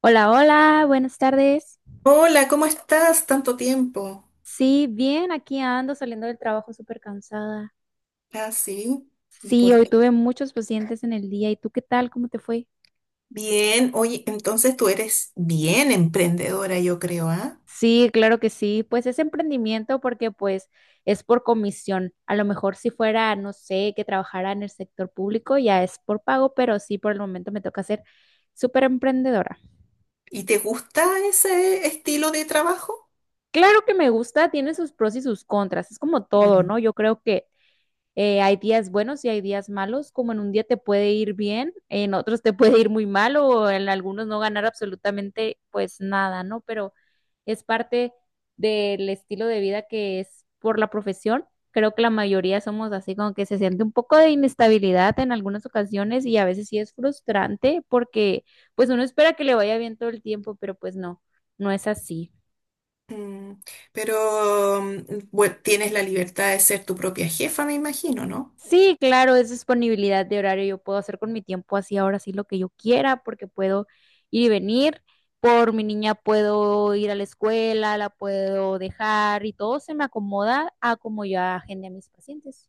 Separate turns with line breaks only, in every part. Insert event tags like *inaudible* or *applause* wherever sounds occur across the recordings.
Hola, hola, buenas tardes.
Hola, ¿cómo estás? Tanto tiempo.
Sí, bien, aquí ando saliendo del trabajo súper cansada.
Ah, sí. ¿Y
Sí,
por
hoy
qué?
tuve muchos pacientes en el día. ¿Y tú qué tal? ¿Cómo te fue?
Bien, oye, entonces tú eres bien emprendedora, yo creo, ¿ah?
Sí, claro que sí. Pues es emprendimiento porque pues es por comisión. A lo mejor si fuera, no sé, que trabajara en el sector público, ya es por pago, pero sí, por el momento me toca ser súper emprendedora.
¿Y te gusta ese estilo de trabajo?
Claro que me gusta, tiene sus pros y sus contras. Es como todo,
Mm.
¿no? Yo creo que hay días buenos y hay días malos, como en un día te puede ir bien, en otros te *laughs* puede ir muy mal o en algunos no ganar absolutamente pues nada, ¿no? Pero es parte del estilo de vida que es por la profesión. Creo que la mayoría somos así, como que se siente un poco de inestabilidad en algunas ocasiones y a veces sí es frustrante porque pues uno espera que le vaya bien todo el tiempo, pero pues no, no es así.
Mm, Pero bueno, tienes la libertad de ser tu propia jefa, me imagino, ¿no?
Sí, claro, es disponibilidad de horario. Yo puedo hacer con mi tiempo así ahora sí lo que yo quiera porque puedo ir y venir. Por mi niña puedo ir a la escuela, la puedo dejar y todo se me acomoda a como yo agende a mis pacientes.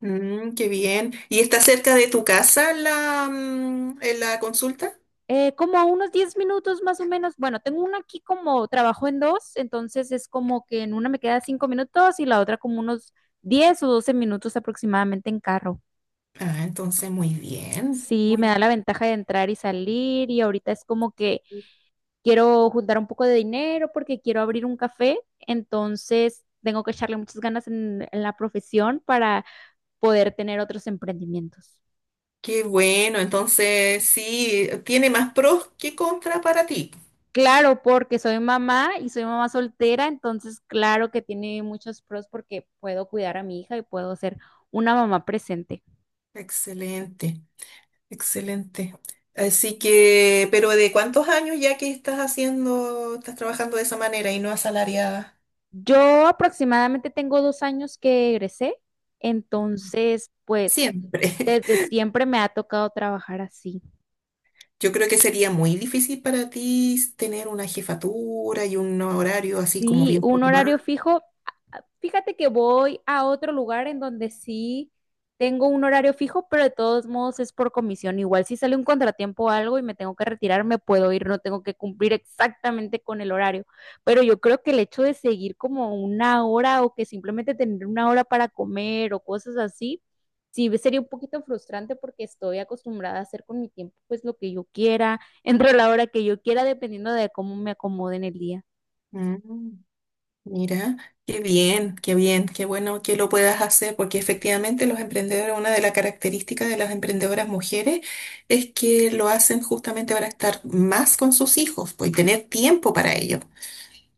Mm, qué bien. ¿Y está cerca de tu casa la consulta?
Como a unos 10 minutos más o menos. Bueno, tengo una aquí como trabajo en dos, entonces es como que en una me queda 5 minutos y la otra como unos 10 o 12 minutos aproximadamente en carro.
Ah, entonces muy bien.
Sí, me
Muy,
da la ventaja de entrar y salir y ahorita es como que quiero juntar un poco de dinero porque quiero abrir un café, entonces tengo que echarle muchas ganas en la profesión para poder tener otros emprendimientos.
qué bueno. Entonces sí, tiene más pros que contra para ti.
Claro, porque soy mamá y soy mamá soltera, entonces claro que tiene muchos pros porque puedo cuidar a mi hija y puedo ser una mamá presente.
Excelente, excelente. Así que, pero ¿de cuántos años ya que estás trabajando de esa manera y no asalariada?
Yo aproximadamente tengo 2 años que egresé, entonces pues
Siempre. *laughs*
desde siempre me ha tocado trabajar así.
Yo creo que sería muy difícil para ti tener una jefatura y un horario así como
Sí,
bien
un horario
formal.
fijo. Fíjate que voy a otro lugar en donde sí tengo un horario fijo, pero de todos modos es por comisión. Igual si sale un contratiempo o algo y me tengo que retirar, me puedo ir, no tengo que cumplir exactamente con el horario. Pero yo creo que el hecho de seguir como una hora o que simplemente tener una hora para comer o cosas así, sí sería un poquito frustrante porque estoy acostumbrada a hacer con mi tiempo pues lo que yo quiera, *laughs* entre la hora que yo quiera, dependiendo de cómo me acomode en el día.
Mm. Mira, qué bien, qué bien, qué bueno que lo puedas hacer, porque efectivamente los emprendedores, una de las características de las emprendedoras mujeres es que lo hacen justamente para estar más con sus hijos, pues, y tener tiempo para ello.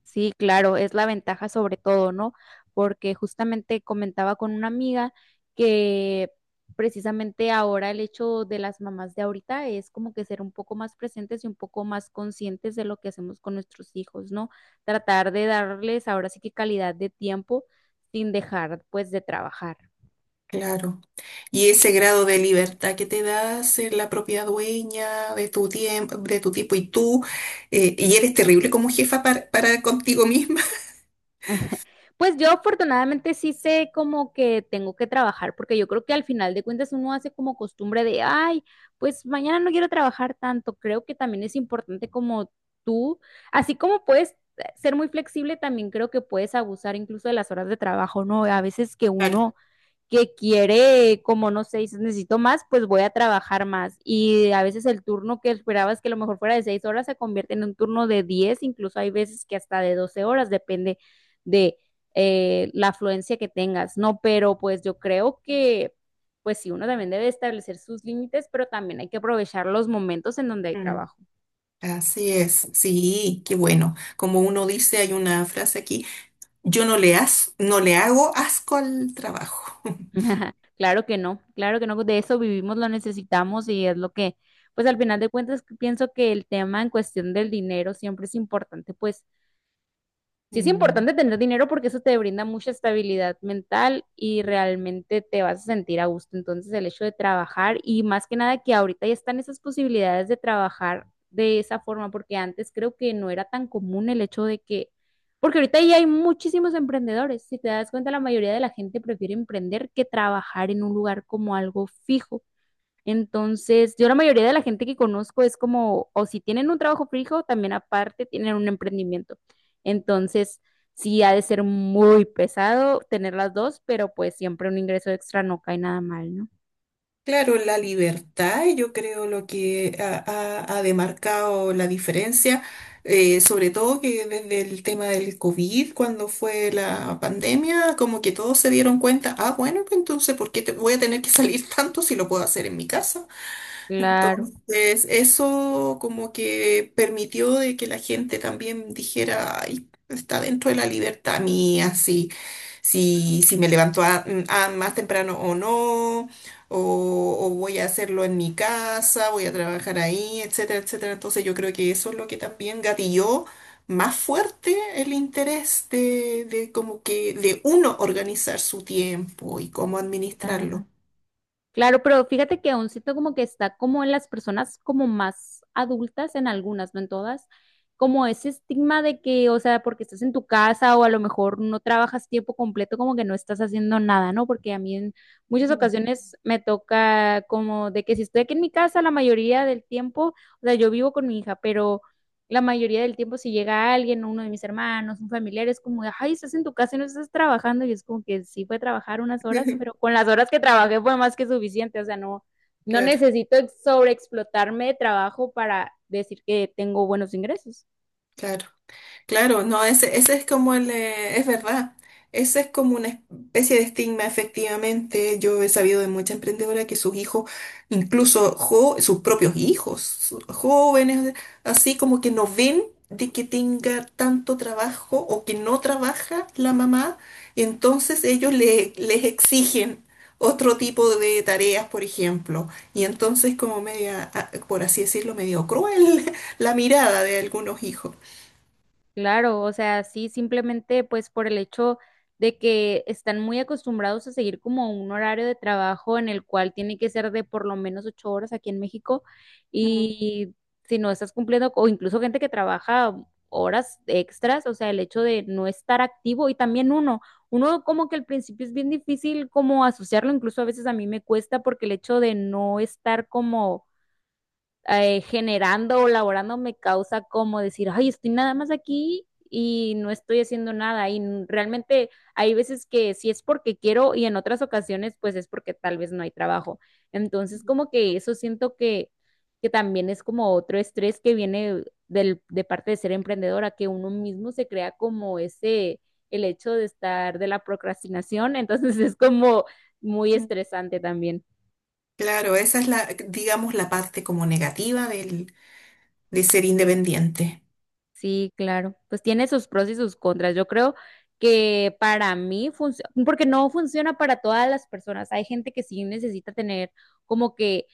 Sí, claro, es la ventaja sobre todo, ¿no? Porque justamente comentaba con una amiga que precisamente ahora el hecho de las mamás de ahorita es como que ser un poco más presentes y un poco más conscientes de lo que hacemos con nuestros hijos, ¿no? Tratar de darles ahora sí que calidad de tiempo sin dejar pues de trabajar.
Claro. Y ese grado de libertad que te da ser la propia dueña de tu tiempo y tú, y eres terrible como jefa para contigo misma. *laughs*
*laughs* Pues yo afortunadamente sí sé como que tengo que trabajar, porque yo creo que al final de cuentas uno hace como costumbre de, ay, pues mañana no quiero trabajar tanto. Creo que también es importante como tú, así como puedes ser muy flexible, también creo que puedes abusar incluso de las horas de trabajo, ¿no? A veces que
Claro.
uno que quiere, como no sé, dices, necesito más, pues voy a trabajar más. Y a veces el turno que esperabas que a lo mejor fuera de 6 horas se convierte en un turno de diez, incluso hay veces que hasta de 12 horas, depende de la afluencia que tengas, ¿no? Pero pues yo creo que, pues sí, uno también debe establecer sus límites, pero también hay que aprovechar los momentos en donde hay
Mm.
trabajo.
Así es, sí, qué bueno. Como uno dice, hay una frase aquí, yo no le hago asco al trabajo. *laughs*
*laughs* Claro que no, de eso vivimos, lo necesitamos y es lo que, pues al final de cuentas pienso que el tema en cuestión del dinero siempre es importante, pues sí es
Mm.
importante tener dinero porque eso te brinda mucha estabilidad mental y realmente te vas a sentir a gusto. Entonces, el hecho de trabajar y más que nada que ahorita ya están esas posibilidades de trabajar de esa forma, porque antes creo que no era tan común el hecho de que, porque ahorita ya hay muchísimos emprendedores. Si te das cuenta, la mayoría de la gente prefiere emprender que trabajar en un lugar como algo fijo. Entonces, yo la mayoría de la gente que conozco es como, o si tienen un trabajo fijo, también aparte tienen un emprendimiento. Entonces, sí ha de ser muy pesado tener las dos, pero pues siempre un ingreso extra no cae nada mal, ¿no?
Claro, la libertad, yo creo lo que ha demarcado la diferencia, sobre todo que desde el tema del COVID, cuando fue la pandemia, como que todos se dieron cuenta, ah, bueno, pues entonces, ¿por qué te voy a tener que salir tanto si lo puedo hacer en mi casa?
Claro,
Entonces, eso como que permitió de que la gente también dijera: "Ay, está dentro de la libertad mía, si me levanto a más temprano o no, o voy a hacerlo en mi casa, voy a trabajar ahí, etcétera, etcétera." Entonces, yo creo que eso es lo que también gatilló más fuerte el interés de como que de uno organizar su tiempo y cómo administrarlo.
claro. Claro, pero fíjate que aún siento como que está como en las personas como más adultas, en algunas, no en todas, como ese estigma de que, o sea, porque estás en tu casa o a lo mejor no trabajas tiempo completo, como que no estás haciendo nada, ¿no? Porque a mí en muchas
Mm.
ocasiones me toca como de que si estoy aquí en mi casa la mayoría del tiempo, o sea, yo vivo con mi hija, pero la mayoría del tiempo si llega alguien, uno de mis hermanos, un familiar, es como, ay, estás en tu casa y no estás trabajando. Y es como que sí fue trabajar unas horas, pero
*laughs*
con las horas que trabajé fue más que suficiente. O sea, no, no
Claro,
necesito sobreexplotarme de trabajo para decir que tengo buenos ingresos.
claro. Claro, no, ese es como el, es verdad, ese es como una especie de estigma, efectivamente. Yo he sabido de mucha emprendedora que sus hijos, sus propios hijos, jóvenes, así como que no ven de que tenga tanto trabajo o que no trabaja la mamá, y entonces les exigen otro tipo de tareas, por ejemplo, y entonces como media, ah, por así decirlo, medio cruel *laughs* la mirada de algunos hijos.
Claro, o sea, sí, simplemente pues por el hecho de que están muy acostumbrados a seguir como un horario de trabajo en el cual tiene que ser de por lo menos 8 horas aquí en México y si no estás cumpliendo, o incluso gente que trabaja horas extras, o sea, el hecho de no estar activo y también uno, uno como que al principio es bien difícil como asociarlo, incluso a veces a mí me cuesta porque el hecho de no estar como generando o laborando me causa como decir, ay, estoy nada más aquí y no estoy haciendo nada. Y realmente hay veces que sí es porque quiero y en otras ocasiones pues es porque tal vez no hay trabajo. Entonces como que eso siento que también es como otro estrés que viene del, de parte de ser emprendedora, que uno mismo se crea como ese, el hecho de estar de la procrastinación. *laughs* Entonces es como muy
Mm.
estresante también.
Claro, esa es la, digamos, la parte como de ser independiente.
Sí, claro. Pues tiene sus pros y sus contras. Yo creo que para mí funciona, porque no funciona para todas las personas. Hay gente que sí necesita tener como que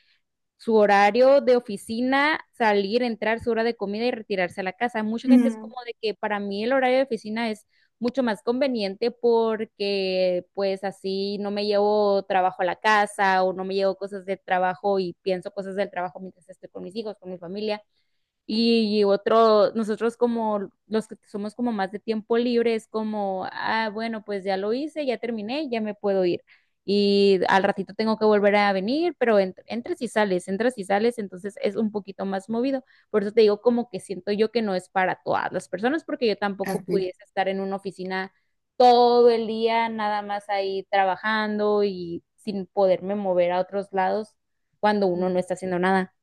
su horario de oficina, salir, entrar, su hora de comida y retirarse a la casa. Mucha gente es
Mm,
como de que para mí el horario de oficina es mucho más conveniente porque pues así no me llevo trabajo a la casa o no me llevo cosas de trabajo y pienso cosas del trabajo mientras estoy con mis hijos, con mi familia. Y otro, nosotros como los que somos como más de tiempo libre, es como, ah, bueno, pues ya lo hice, ya terminé, ya me puedo ir. Y al ratito tengo que volver a venir, pero entras y sales, entonces es un poquito más movido. Por eso te digo como que siento yo que no es para todas las personas, porque yo tampoco
así.
pudiese estar en una oficina todo el día, nada más ahí trabajando y sin poderme mover a otros lados cuando uno no está haciendo nada.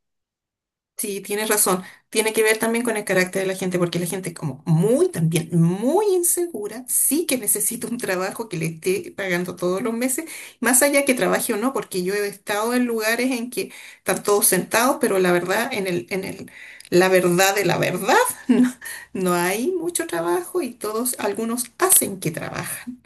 Sí, tienes razón. Tiene que ver también con el carácter de la gente, porque la gente es como muy también, muy insegura, sí que necesita un trabajo que le esté pagando todos los meses, más allá que trabaje o no, porque yo he estado en lugares en que están todos sentados, pero la verdad, la verdad de la verdad, *laughs* no, no hay mucho trabajo y todos, algunos hacen que trabajan.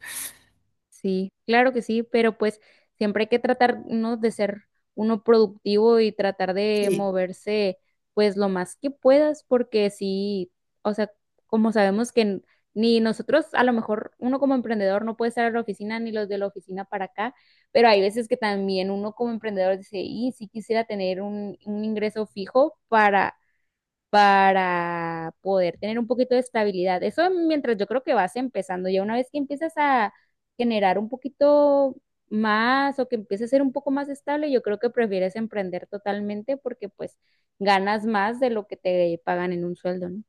Sí, claro que sí, pero pues siempre hay que tratar, ¿no?, de ser uno productivo y tratar de
Sí,
moverse pues lo más que puedas, porque sí, o sea, como sabemos que ni nosotros, a lo mejor uno como emprendedor no puede estar en la oficina ni los de la oficina para acá, pero hay veces que también uno como emprendedor dice, y sí quisiera tener un ingreso fijo para poder tener un poquito de estabilidad. Eso mientras yo creo que vas empezando, ya una vez que empiezas a generar un poquito más o que empieces a ser un poco más estable, yo creo que prefieres emprender totalmente porque pues ganas más de lo que te pagan en un sueldo, ¿no?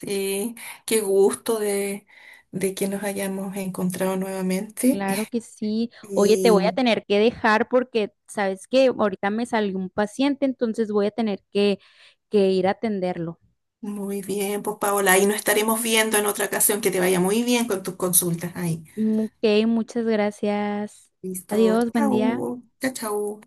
sí, qué gusto de que nos hayamos encontrado nuevamente.
Claro que
*laughs*
sí. Oye, te voy a
Y
tener que dejar porque sabes que ahorita me salió un paciente, entonces voy a tener que ir a atenderlo.
muy bien, pues Paola, ahí nos estaremos viendo en otra ocasión. Que te vaya muy bien con tus consultas ahí.
Mm, Ok, muchas gracias.
Listo,
Adiós, buen día.
chau, chao, chau.